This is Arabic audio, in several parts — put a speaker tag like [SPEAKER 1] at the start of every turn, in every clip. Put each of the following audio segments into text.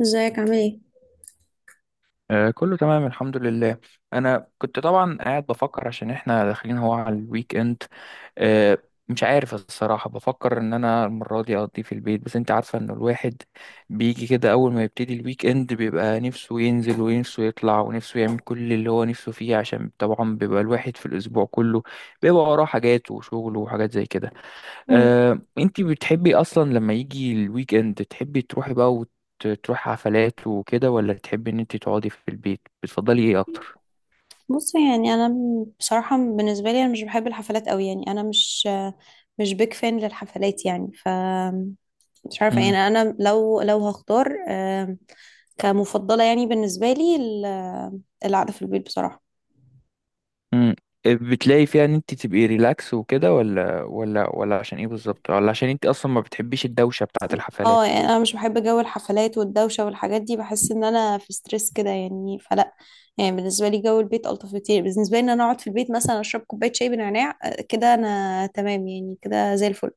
[SPEAKER 1] ازيك عامل ايه؟
[SPEAKER 2] كله تمام الحمد لله. انا كنت طبعا قاعد بفكر عشان احنا داخلين هو على الويك اند. آه، مش عارف الصراحة بفكر ان انا المرة دي اقضيه في البيت، بس انت عارفة ان الواحد بيجي كده اول ما يبتدي الويك اند بيبقى نفسه ينزل ونفسه يطلع ونفسه يعمل كل اللي هو نفسه فيه، عشان طبعا بيبقى الواحد في الاسبوع كله بيبقى وراه حاجات وشغله وحاجات زي كده.
[SPEAKER 1] مم.
[SPEAKER 2] انتي بتحبي اصلا لما يجي الويك اند تحبي تروحي بقى وتروحي حفلات وكده، ولا تحبي ان انتي تقعدي في البيت؟ بتفضلي ايه اكتر؟
[SPEAKER 1] بص، يعني انا بصراحه بالنسبه لي انا مش بحب الحفلات قوي، يعني انا مش بيك فان للحفلات يعني مش عارفه. يعني
[SPEAKER 2] امم.
[SPEAKER 1] انا لو هختار، كمفضله، يعني بالنسبه لي القعده في البيت بصراحه.
[SPEAKER 2] امم. بتلاقي فيها ان انتي تبقي ريلاكس وكده، ولا عشان ايه بالظبط، ولا عشان انتي اصلا ما بتحبيش الدوشة بتاعة
[SPEAKER 1] اه،
[SPEAKER 2] الحفلات؟
[SPEAKER 1] يعني انا مش بحب جو الحفلات والدوشه والحاجات دي. بحس ان انا في ستريس كده يعني، فلا. يعني بالنسبه لي جو البيت الطف كتير. بالنسبه لي ان انا اقعد في البيت مثلا اشرب كوبايه شاي بنعناع، كده انا تمام يعني كده زي الفل.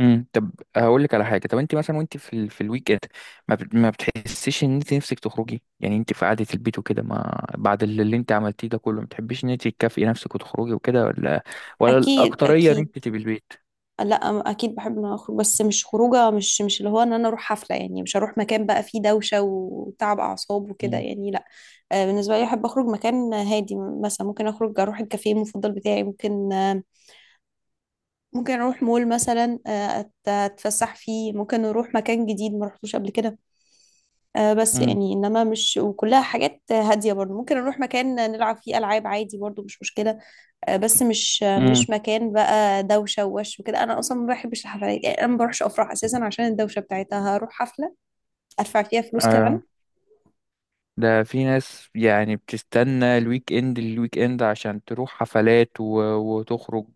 [SPEAKER 2] امم. طب هقول لك على حاجه. طب انت مثلا وانت في في الويك اند ما بتحسيش ان انت نفسك تخرجي؟ يعني انت في قعده البيت وكده، ما بعد اللي انت عملتيه ده كله ما بتحبيش ان انت تكافئي نفسك وتخرجي وكده، ولا
[SPEAKER 1] اكيد،
[SPEAKER 2] الاكتريه ان
[SPEAKER 1] اكيد.
[SPEAKER 2] انت تبقي البيت؟
[SPEAKER 1] لا اكيد بحب ان أنا اخرج، بس مش خروجه، مش اللي هو ان انا اروح حفله. يعني مش هروح مكان بقى فيه دوشه وتعب اعصاب وكده
[SPEAKER 2] امم.
[SPEAKER 1] يعني لا. بالنسبه لي احب اخرج مكان هادي. مثلا ممكن اخرج اروح الكافيه المفضل بتاعي، ممكن، ممكن اروح مول مثلا، اتفسح فيه، ممكن اروح مكان جديد ما رحتوش قبل كده. بس
[SPEAKER 2] امم.
[SPEAKER 1] يعني انما مش، وكلها حاجات هاديه. برضو ممكن اروح مكان نلعب فيه العاب عادي برضو، مش مشكله. بس مش
[SPEAKER 2] امم.
[SPEAKER 1] مش مكان بقى دوشه ووش وكده. انا اصلا ما بحبش الحفلات، يعني انا ما بروحش افراح اساسا عشان الدوشه بتاعتها. هروح حفله ادفع فيها فلوس كمان؟
[SPEAKER 2] آه. ده في ناس يعني بتستنى الويك اند عشان تروح حفلات وتخرج،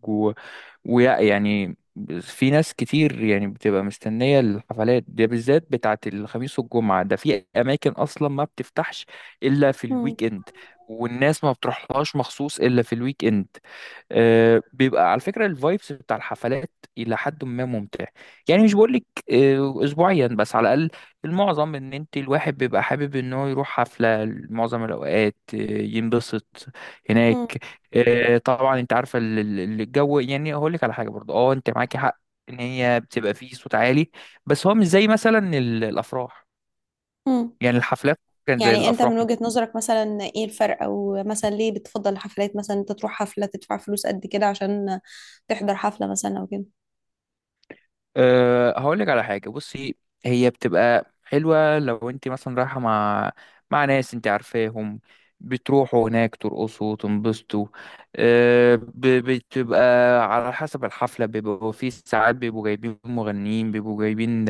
[SPEAKER 2] يعني في ناس كتير يعني بتبقى مستنية الحفلات دي بالذات بتاعة الخميس والجمعة، ده في أماكن أصلا ما بتفتحش إلا في
[SPEAKER 1] مم.
[SPEAKER 2] الويك إند، والناس ما بتروحلهاش مخصوص إلا في الويك إند. بيبقى على فكرة الفايبس بتاع الحفلات إلى حد ما ممتع. يعني مش بقولك أسبوعيا، بس على الأقل المعظم إن أنت الواحد بيبقى حابب إن هو يروح حفلة معظم الأوقات ينبسط هناك.
[SPEAKER 1] مم.
[SPEAKER 2] طبعا أنت عارفة الجو، يعني هقولك على حاجة برضه، أه أنت معاكي حق إن هي بتبقى فيه صوت عالي، بس هو مش زي مثلا الأفراح.
[SPEAKER 1] مم.
[SPEAKER 2] يعني الحفلات كان زي
[SPEAKER 1] يعني انت
[SPEAKER 2] الأفراح.
[SPEAKER 1] من وجهة نظرك، مثلا ايه الفرق؟ او مثلا ليه بتفضل الحفلات؟ مثلا انت تروح حفلة تدفع فلوس قد كده عشان تحضر حفلة مثلا او كده؟
[SPEAKER 2] أه هقول لك على حاجة، بصي. هي بتبقى حلوة لو انت مثلا رايحة مع ناس انت عارفاهم، بتروحوا هناك ترقصوا وتنبسطوا. أه ب- بتبقى على حسب الحفلة بيبقوا في ساعات بيبقوا جايبين مغنيين، بيبقوا جايبين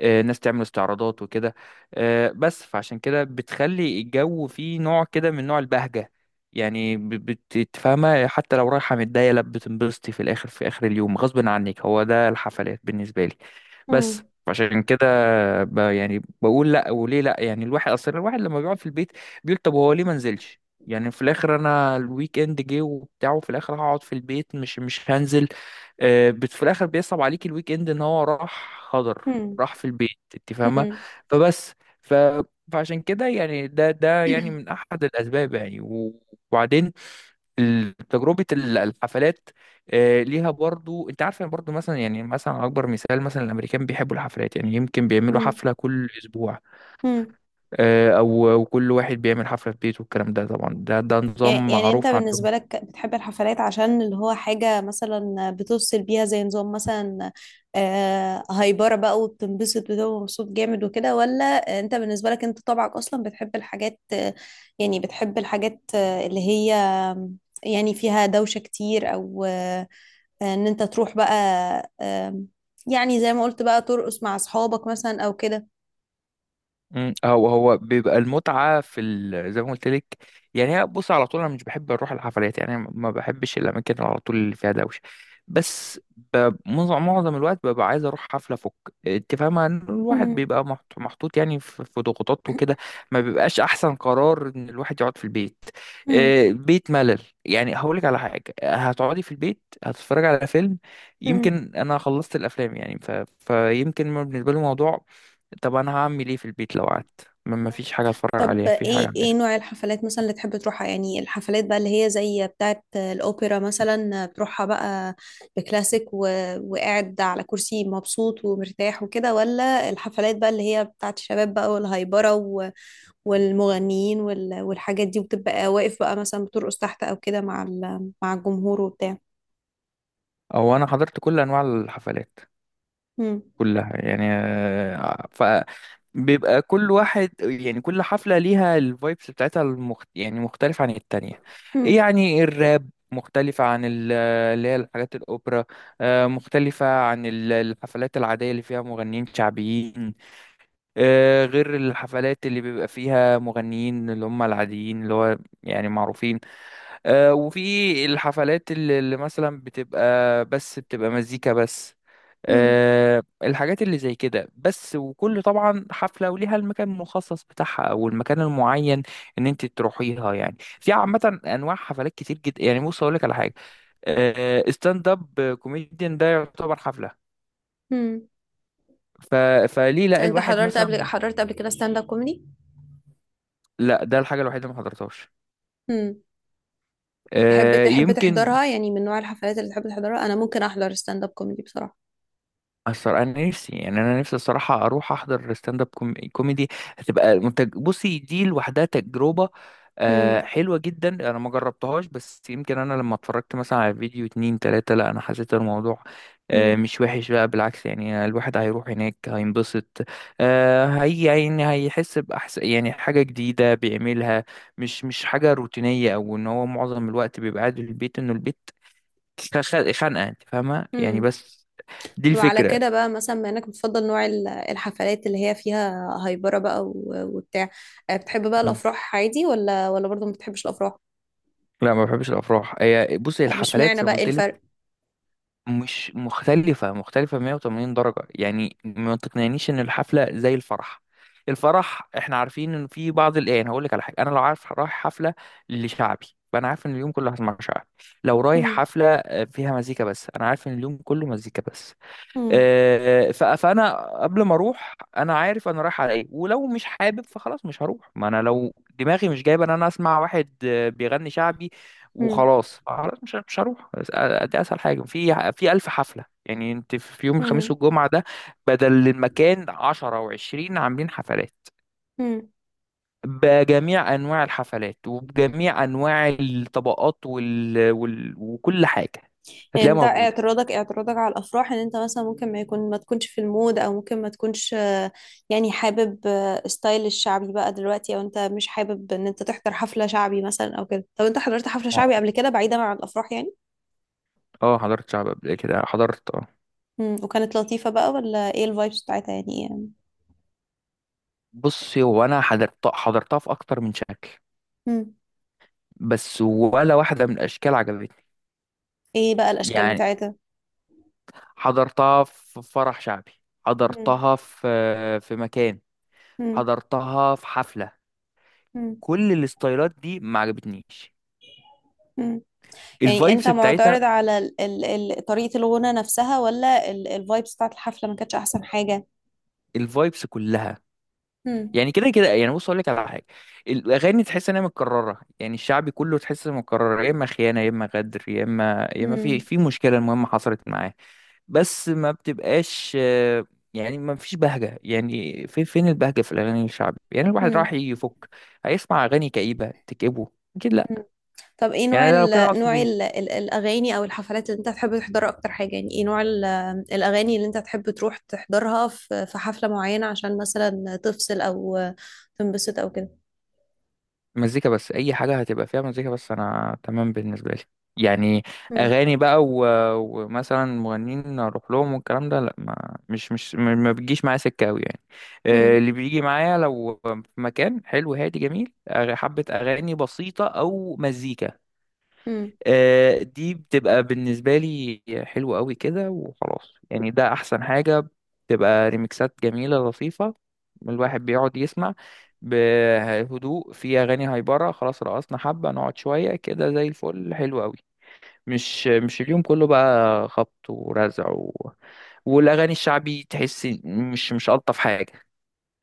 [SPEAKER 2] أه ناس تعمل استعراضات وكده. أه بس فعشان كده بتخلي الجو فيه نوع كده من نوع البهجة. يعني بتتفاهمها حتى لو رايحة متضايقة لا بتنبسطي في الآخر، في آخر اليوم غصب عنك. هو ده الحفلات بالنسبة لي. بس
[SPEAKER 1] مم.
[SPEAKER 2] عشان كده يعني بقول لا، وليه لا؟ يعني الواحد اصلا الواحد لما بيقعد في البيت بيقول طب هو ليه ما نزلش؟ يعني في الاخر انا الويك اند جه وبتاع وفي الاخر هقعد في البيت، مش هنزل. بت في الاخر بيصعب عليك الويك اند ان هو راح خضر،
[SPEAKER 1] مم.
[SPEAKER 2] راح في البيت، انت فاهمه؟
[SPEAKER 1] مم.
[SPEAKER 2] فبس ف فعشان كده يعني ده يعني من احد الاسباب يعني، وبعدين تجربة الحفلات ليها برضو، انت عارف. يعني برضو مثلا يعني مثلا اكبر مثال مثلا الامريكان بيحبوا الحفلات، يعني يمكن بيعملوا
[SPEAKER 1] مم.
[SPEAKER 2] حفلة كل اسبوع
[SPEAKER 1] مم.
[SPEAKER 2] او كل واحد بيعمل حفلة في بيته، والكلام ده طبعا ده
[SPEAKER 1] يعني
[SPEAKER 2] نظام
[SPEAKER 1] يعني انت
[SPEAKER 2] معروف عندهم.
[SPEAKER 1] بالنسبة لك بتحب الحفلات عشان اللي هو حاجة مثلا بتوصل بيها، زي نظام مثلا، هايبرة بقى وبتنبسط وتبقى مبسوط جامد وكده، ولا انت بالنسبة لك انت طبعك اصلا بتحب الحاجات، يعني بتحب الحاجات، اللي هي، يعني فيها دوشة كتير، او، ان انت تروح بقى، آم، يعني زي ما قلت بقى، ترقص مع اصحابك مثلا او كده؟
[SPEAKER 2] مم. هو بيبقى المتعة في زي ما قلت لك. يعني هي بص، على طول انا مش بحب اروح الحفلات، يعني ما بحبش الاماكن اللي على طول اللي فيها دوشة، بس معظم الوقت ببقى عايز اروح حفلة فك. انت فاهمة ان الواحد
[SPEAKER 1] مم،
[SPEAKER 2] بيبقى محطوط يعني في ضغوطات وكده، ما بيبقاش احسن قرار ان الواحد يقعد في البيت.
[SPEAKER 1] مم،
[SPEAKER 2] بيت ملل. يعني هقولك على حاجة، هتقعدي في البيت هتتفرجي على فيلم؟
[SPEAKER 1] مم.
[SPEAKER 2] يمكن انا خلصت الافلام يعني فيمكن بالنسبة لي الموضوع، طب انا هعمل ايه في البيت لو قعدت ما فيش حاجه اتفرج عليها
[SPEAKER 1] طب
[SPEAKER 2] ما فيش حاجه
[SPEAKER 1] ايه، ايه
[SPEAKER 2] اعملها؟
[SPEAKER 1] نوع الحفلات مثلا اللي تحب تروحها؟ يعني الحفلات بقى اللي هي زي بتاعة الأوبرا مثلا بتروحها بقى بكلاسيك، وقاعد على كرسي مبسوط ومرتاح وكده، ولا الحفلات بقى اللي هي بتاعة الشباب بقى والهايبرة، والمغنيين والحاجات دي، وبتبقى واقف بقى مثلا بترقص تحت أو كده مع مع الجمهور وبتاع؟
[SPEAKER 2] او انا حضرت كل انواع الحفلات
[SPEAKER 1] هم.
[SPEAKER 2] كلها، يعني ف بيبقى كل واحد يعني كل حفله ليها الفايبس بتاعتها يعني مختلفه عن التانية. إيه
[SPEAKER 1] هم.
[SPEAKER 2] يعني الراب مختلفة عن اللي هي الحاجات الأوبرا، مختلفة عن الحفلات العادية اللي فيها مغنيين شعبيين، غير الحفلات اللي بيبقى فيها مغنيين اللي هم العاديين اللي هو يعني معروفين، وفي الحفلات اللي مثلا بتبقى بس بتبقى مزيكا بس،
[SPEAKER 1] هم.
[SPEAKER 2] الحاجات اللي زي كده بس. وكل طبعا حفلة وليها المكان المخصص بتاعها او المكان المعين ان انت تروحيها. يعني في عامة انواع حفلات كتير جدا، يعني بص اقول لك على حاجة، ستاند اب كوميديان ده يعتبر حفلة،
[SPEAKER 1] هم.
[SPEAKER 2] ف... فليه
[SPEAKER 1] طب
[SPEAKER 2] لا
[SPEAKER 1] انت
[SPEAKER 2] الواحد مثلا؟
[SPEAKER 1] حضرت قبل كده ستاند اب كوميدي؟
[SPEAKER 2] لا ده الحاجة الوحيدة اللي ما حضرتهاش
[SPEAKER 1] تحب تحب
[SPEAKER 2] يمكن.
[SPEAKER 1] تحضرها؟ يعني من نوع الحفلات اللي تحب تحضرها. انا ممكن احضر ستاند اب كوميدي بصراحه.
[SPEAKER 2] الصراحة أنا نفسي، يعني أنا نفسي الصراحة أروح أحضر ستاند أب كوميدي، هتبقى منتج. بصي دي لوحدها تجربة
[SPEAKER 1] امم.
[SPEAKER 2] حلوة جدا أنا ما جربتهاش، بس يمكن أنا لما اتفرجت مثلا على فيديو اتنين تلاتة لا أنا حسيت الموضوع
[SPEAKER 1] امم.
[SPEAKER 2] مش وحش بقى، بالعكس يعني الواحد هيروح هناك هينبسط. هي يعني هيحس بأحسن، يعني حاجة جديدة بيعملها، مش حاجة روتينية أو إن هو معظم الوقت بيبقى قاعد في البيت إنه البيت خانقة، أنت فاهمة يعني.
[SPEAKER 1] امم.
[SPEAKER 2] بس دي
[SPEAKER 1] وعلى
[SPEAKER 2] الفكرة.
[SPEAKER 1] كده بقى مثلا، بما انك بتفضل نوع الحفلات اللي هي فيها هايبره بقى وبتاع، بتحب بقى الافراح عادي، ولا برضه ما بتحبش الافراح؟
[SPEAKER 2] لا ما بحبش الافراح. هي بص هي
[SPEAKER 1] مش
[SPEAKER 2] الحفلات
[SPEAKER 1] معنى
[SPEAKER 2] زي ما
[SPEAKER 1] بقى، ايه
[SPEAKER 2] قلت لك
[SPEAKER 1] الفرق؟
[SPEAKER 2] مش مختلفه، 180 درجه يعني. ما تقنعنيش ان الحفله زي الفرح. الفرح احنا عارفين ان في بعض الايه. هقول لك على حاجه، انا لو عارف رايح حفله لشعبي فانا عارف ان اليوم كله هسمع شعبي، لو رايح
[SPEAKER 1] امم.
[SPEAKER 2] حفله فيها مزيكا بس انا عارف ان اليوم كله مزيكا بس.
[SPEAKER 1] امم.
[SPEAKER 2] فانا قبل ما اروح انا عارف انا رايح على ايه، ولو مش حابب فخلاص مش هروح. ما انا لو دماغي مش جايبه ان انا اسمع واحد بيغني شعبي
[SPEAKER 1] امم.
[SPEAKER 2] وخلاص، خلاص مش هروح. دي اسهل حاجه في الف حفله. يعني انت في يوم الخميس والجمعه ده بدل المكان 10 و20 عاملين حفلات
[SPEAKER 1] امم.
[SPEAKER 2] بجميع انواع الحفلات وبجميع انواع الطبقات وكل حاجه هتلاقيها
[SPEAKER 1] انت
[SPEAKER 2] موجوده.
[SPEAKER 1] اعتراضك على الافراح ان انت مثلا ممكن ما يكون، ما تكونش في المود، او ممكن ما تكونش، يعني حابب ستايل الشعبي بقى دلوقتي، او انت مش حابب ان انت تحضر حفلة شعبي مثلا او كده؟ طب انت حضرت حفلة شعبي
[SPEAKER 2] اه
[SPEAKER 1] قبل كده بعيدا عن الافراح يعني؟
[SPEAKER 2] حضرت شعب قبل كده، حضرت آه.
[SPEAKER 1] امم. وكانت لطيفة بقى، ولا ايه الفايبس بتاعتها؟ يعني ايه؟
[SPEAKER 2] بصي هو انا حضرت، حضرتها في اكتر من شكل،
[SPEAKER 1] امم.
[SPEAKER 2] بس ولا واحده من الاشكال عجبتني.
[SPEAKER 1] ايه بقى الاشكال
[SPEAKER 2] يعني
[SPEAKER 1] بتاعتها؟
[SPEAKER 2] حضرتها في فرح شعبي،
[SPEAKER 1] امم.
[SPEAKER 2] حضرتها في مكان،
[SPEAKER 1] امم.
[SPEAKER 2] حضرتها في حفله،
[SPEAKER 1] امم.
[SPEAKER 2] كل الاستايلات دي ما عجبتنيش
[SPEAKER 1] امم. يعني انت
[SPEAKER 2] الفايبس بتاعتها،
[SPEAKER 1] معترض على ال ال ال طريقة الغنى نفسها، ولا الفايبس بتاعت الحفلة ما كانتش احسن حاجة؟
[SPEAKER 2] الفايبس كلها.
[SPEAKER 1] امم.
[SPEAKER 2] يعني كده كده يعني بص اقول لك على حاجه، الاغاني تحس انها متكرره، يعني الشعبي كله تحس انها متكرره يا اما خيانه يا اما غدر يا اما يا اما في
[SPEAKER 1] امم.
[SPEAKER 2] مشكله المهمه حصلت معاه، بس ما بتبقاش يعني ما فيش بهجة. يعني في فين البهجة في الأغاني الشعبي؟ يعني الواحد
[SPEAKER 1] امم.
[SPEAKER 2] راح يفك هيسمع أغاني كئيبة تكئبه؟ أكيد لأ.
[SPEAKER 1] طب ايه
[SPEAKER 2] يعني
[SPEAKER 1] نوع
[SPEAKER 2] أنا لو كده أقعد في
[SPEAKER 1] نوع
[SPEAKER 2] البيت.
[SPEAKER 1] ال ال الاغاني او الحفلات اللي انت تحب تحضرها اكتر حاجه؟ يعني ايه نوع الاغاني اللي انت تحب تروح تحضرها في حفله معينه عشان مثلا تفصل او تنبسط او كده؟
[SPEAKER 2] مزيكا بس، أي حاجة هتبقى فيها مزيكا بس أنا تمام بالنسبة لي. يعني
[SPEAKER 1] مم.
[SPEAKER 2] أغاني بقى ومثلا مغنيين أروح لهم والكلام ده لأ، ما مش مش ما ما بتجيش معايا سكة أوي يعني.
[SPEAKER 1] مم.
[SPEAKER 2] اللي بيجي معايا لو في مكان حلو هادي جميل، حبة أغاني بسيطة أو مزيكا
[SPEAKER 1] مم.
[SPEAKER 2] دي بتبقى بالنسبة لي حلوة قوي كده وخلاص. يعني ده أحسن حاجة، بتبقى ريميكسات جميلة لطيفة الواحد بيقعد يسمع بهدوء. في أغاني هايبرة خلاص رقصنا حبة نقعد شوية كده زي الفل حلو قوي، مش اليوم كله بقى خبط ورزع، والأغاني الشعبي تحس مش ألطف حاجة.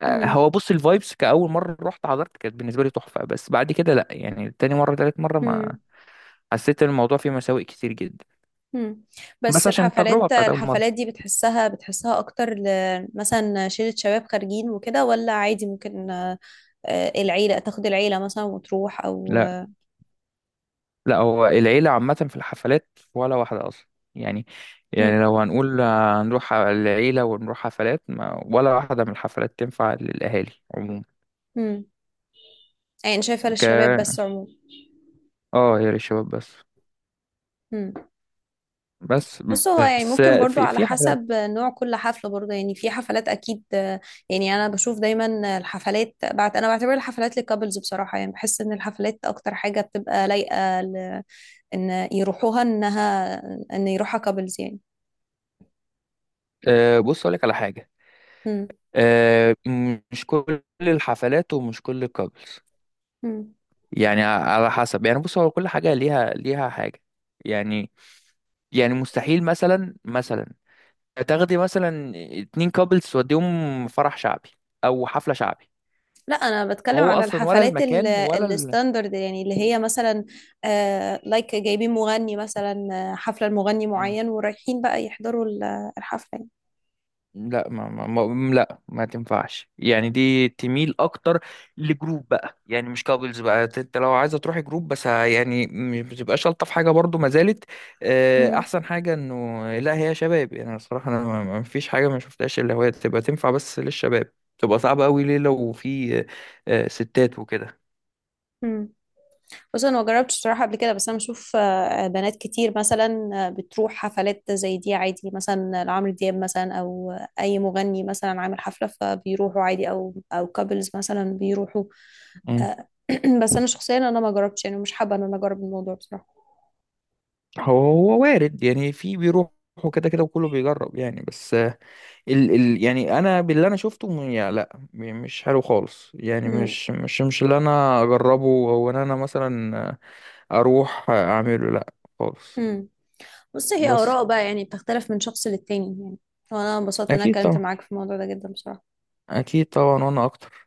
[SPEAKER 1] مم.
[SPEAKER 2] هو بص الفايبس كأول مرة رحت حضرت كانت بالنسبة لي تحفة، بس بعد كده لأ يعني تاني مرة تالت مرة ما
[SPEAKER 1] مم.
[SPEAKER 2] حسيت إن الموضوع فيه مساوئ كتير جدا،
[SPEAKER 1] مم. بس
[SPEAKER 2] بس عشان التجربة
[SPEAKER 1] الحفلات
[SPEAKER 2] بتاعت أول
[SPEAKER 1] الحفلات
[SPEAKER 2] مرة.
[SPEAKER 1] دي بتحسها اكتر مثلا شلة شباب خارجين وكده، ولا عادي ممكن، العيله تاخد العيله مثلا وتروح، او...
[SPEAKER 2] لا. لا هو العيلة عامة في الحفلات ولا واحدة أصلا. يعني
[SPEAKER 1] مم.
[SPEAKER 2] يعني لو هنقول هنروح العيلة ونروح حفلات، ما ولا واحدة من الحفلات تنفع للأهالي عموما.
[SPEAKER 1] مم. يعني شايفه للشباب
[SPEAKER 2] ك
[SPEAKER 1] بس عموما.
[SPEAKER 2] اه هي للشباب بس.
[SPEAKER 1] مم.
[SPEAKER 2] بس
[SPEAKER 1] بص، هو يعني
[SPEAKER 2] بس
[SPEAKER 1] ممكن برضو
[SPEAKER 2] في
[SPEAKER 1] على
[SPEAKER 2] حفلات
[SPEAKER 1] حسب نوع كل حفلة. برضو يعني في حفلات أكيد. يعني أنا بشوف دايما الحفلات، بعت أنا بعتبر الحفلات للكابلز بصراحة. يعني بحس إن الحفلات أكتر حاجة بتبقى لايقة إن يروحوها، إن يروحها كابلز يعني.
[SPEAKER 2] بص أقول لك على حاجة
[SPEAKER 1] مم.
[SPEAKER 2] آه، مش كل الحفلات ومش كل الكابلز.
[SPEAKER 1] مم.
[SPEAKER 2] يعني على حسب، يعني بص هو كل حاجة ليها حاجة. يعني يعني مستحيل مثلا مثلا تاخدي مثلا اتنين كابلز توديهم فرح شعبي او حفلة شعبي،
[SPEAKER 1] لا، أنا بتكلم
[SPEAKER 2] هو
[SPEAKER 1] على
[SPEAKER 2] اصلا ولا
[SPEAKER 1] الحفلات
[SPEAKER 2] المكان ولا
[SPEAKER 1] الستاندرد، يعني اللي هي مثلا، لايك جايبين مغني مثلا، حفلة لمغني
[SPEAKER 2] مم.
[SPEAKER 1] معين ورايحين بقى يحضروا الحفلة يعني.
[SPEAKER 2] لا ما, ما, ما لا ما تنفعش يعني، دي تميل اكتر لجروب بقى، يعني مش كابلز بقى، انت لو عايزه تروحي جروب بس يعني مش بتبقاش الطف حاجه برضو، ما زالت
[SPEAKER 1] مم.
[SPEAKER 2] احسن حاجه انه لا هي شباب. يعني الصراحه انا ما فيش حاجه ما شفتهاش اللي هو تبقى تنفع بس للشباب، تبقى صعبه قوي ليه لو في ستات وكده.
[SPEAKER 1] مم. بص انا ما جربتش بصراحه قبل كده. بس انا بشوف، بنات كتير مثلا، بتروح حفلات زي دي عادي، مثلا لعمرو دياب مثلا او اي مغني مثلا عامل حفله، فبيروحوا عادي، او كابلز مثلا بيروحوا.
[SPEAKER 2] مم.
[SPEAKER 1] آه، بس انا شخصيا انا ما جربتش يعني، مش حابه ان انا اجرب الموضوع بصراحه.
[SPEAKER 2] هو وارد يعني، في بيروحوا كده كده وكله بيجرب يعني، بس ال يعني انا باللي انا شفته يا لا مش حلو خالص، يعني
[SPEAKER 1] امم.
[SPEAKER 2] مش اللي انا اجربه او ان انا مثلا اروح اعمله لا خالص.
[SPEAKER 1] امم. بص هي
[SPEAKER 2] بس
[SPEAKER 1] اراء بقى يعني بتختلف من شخص للتاني يعني. وانا انبسطت ان انا
[SPEAKER 2] اكيد
[SPEAKER 1] اتكلمت
[SPEAKER 2] طبعا.
[SPEAKER 1] معاك في الموضوع ده جدا بصراحه.
[SPEAKER 2] اكيد طبعا وانا اكتر.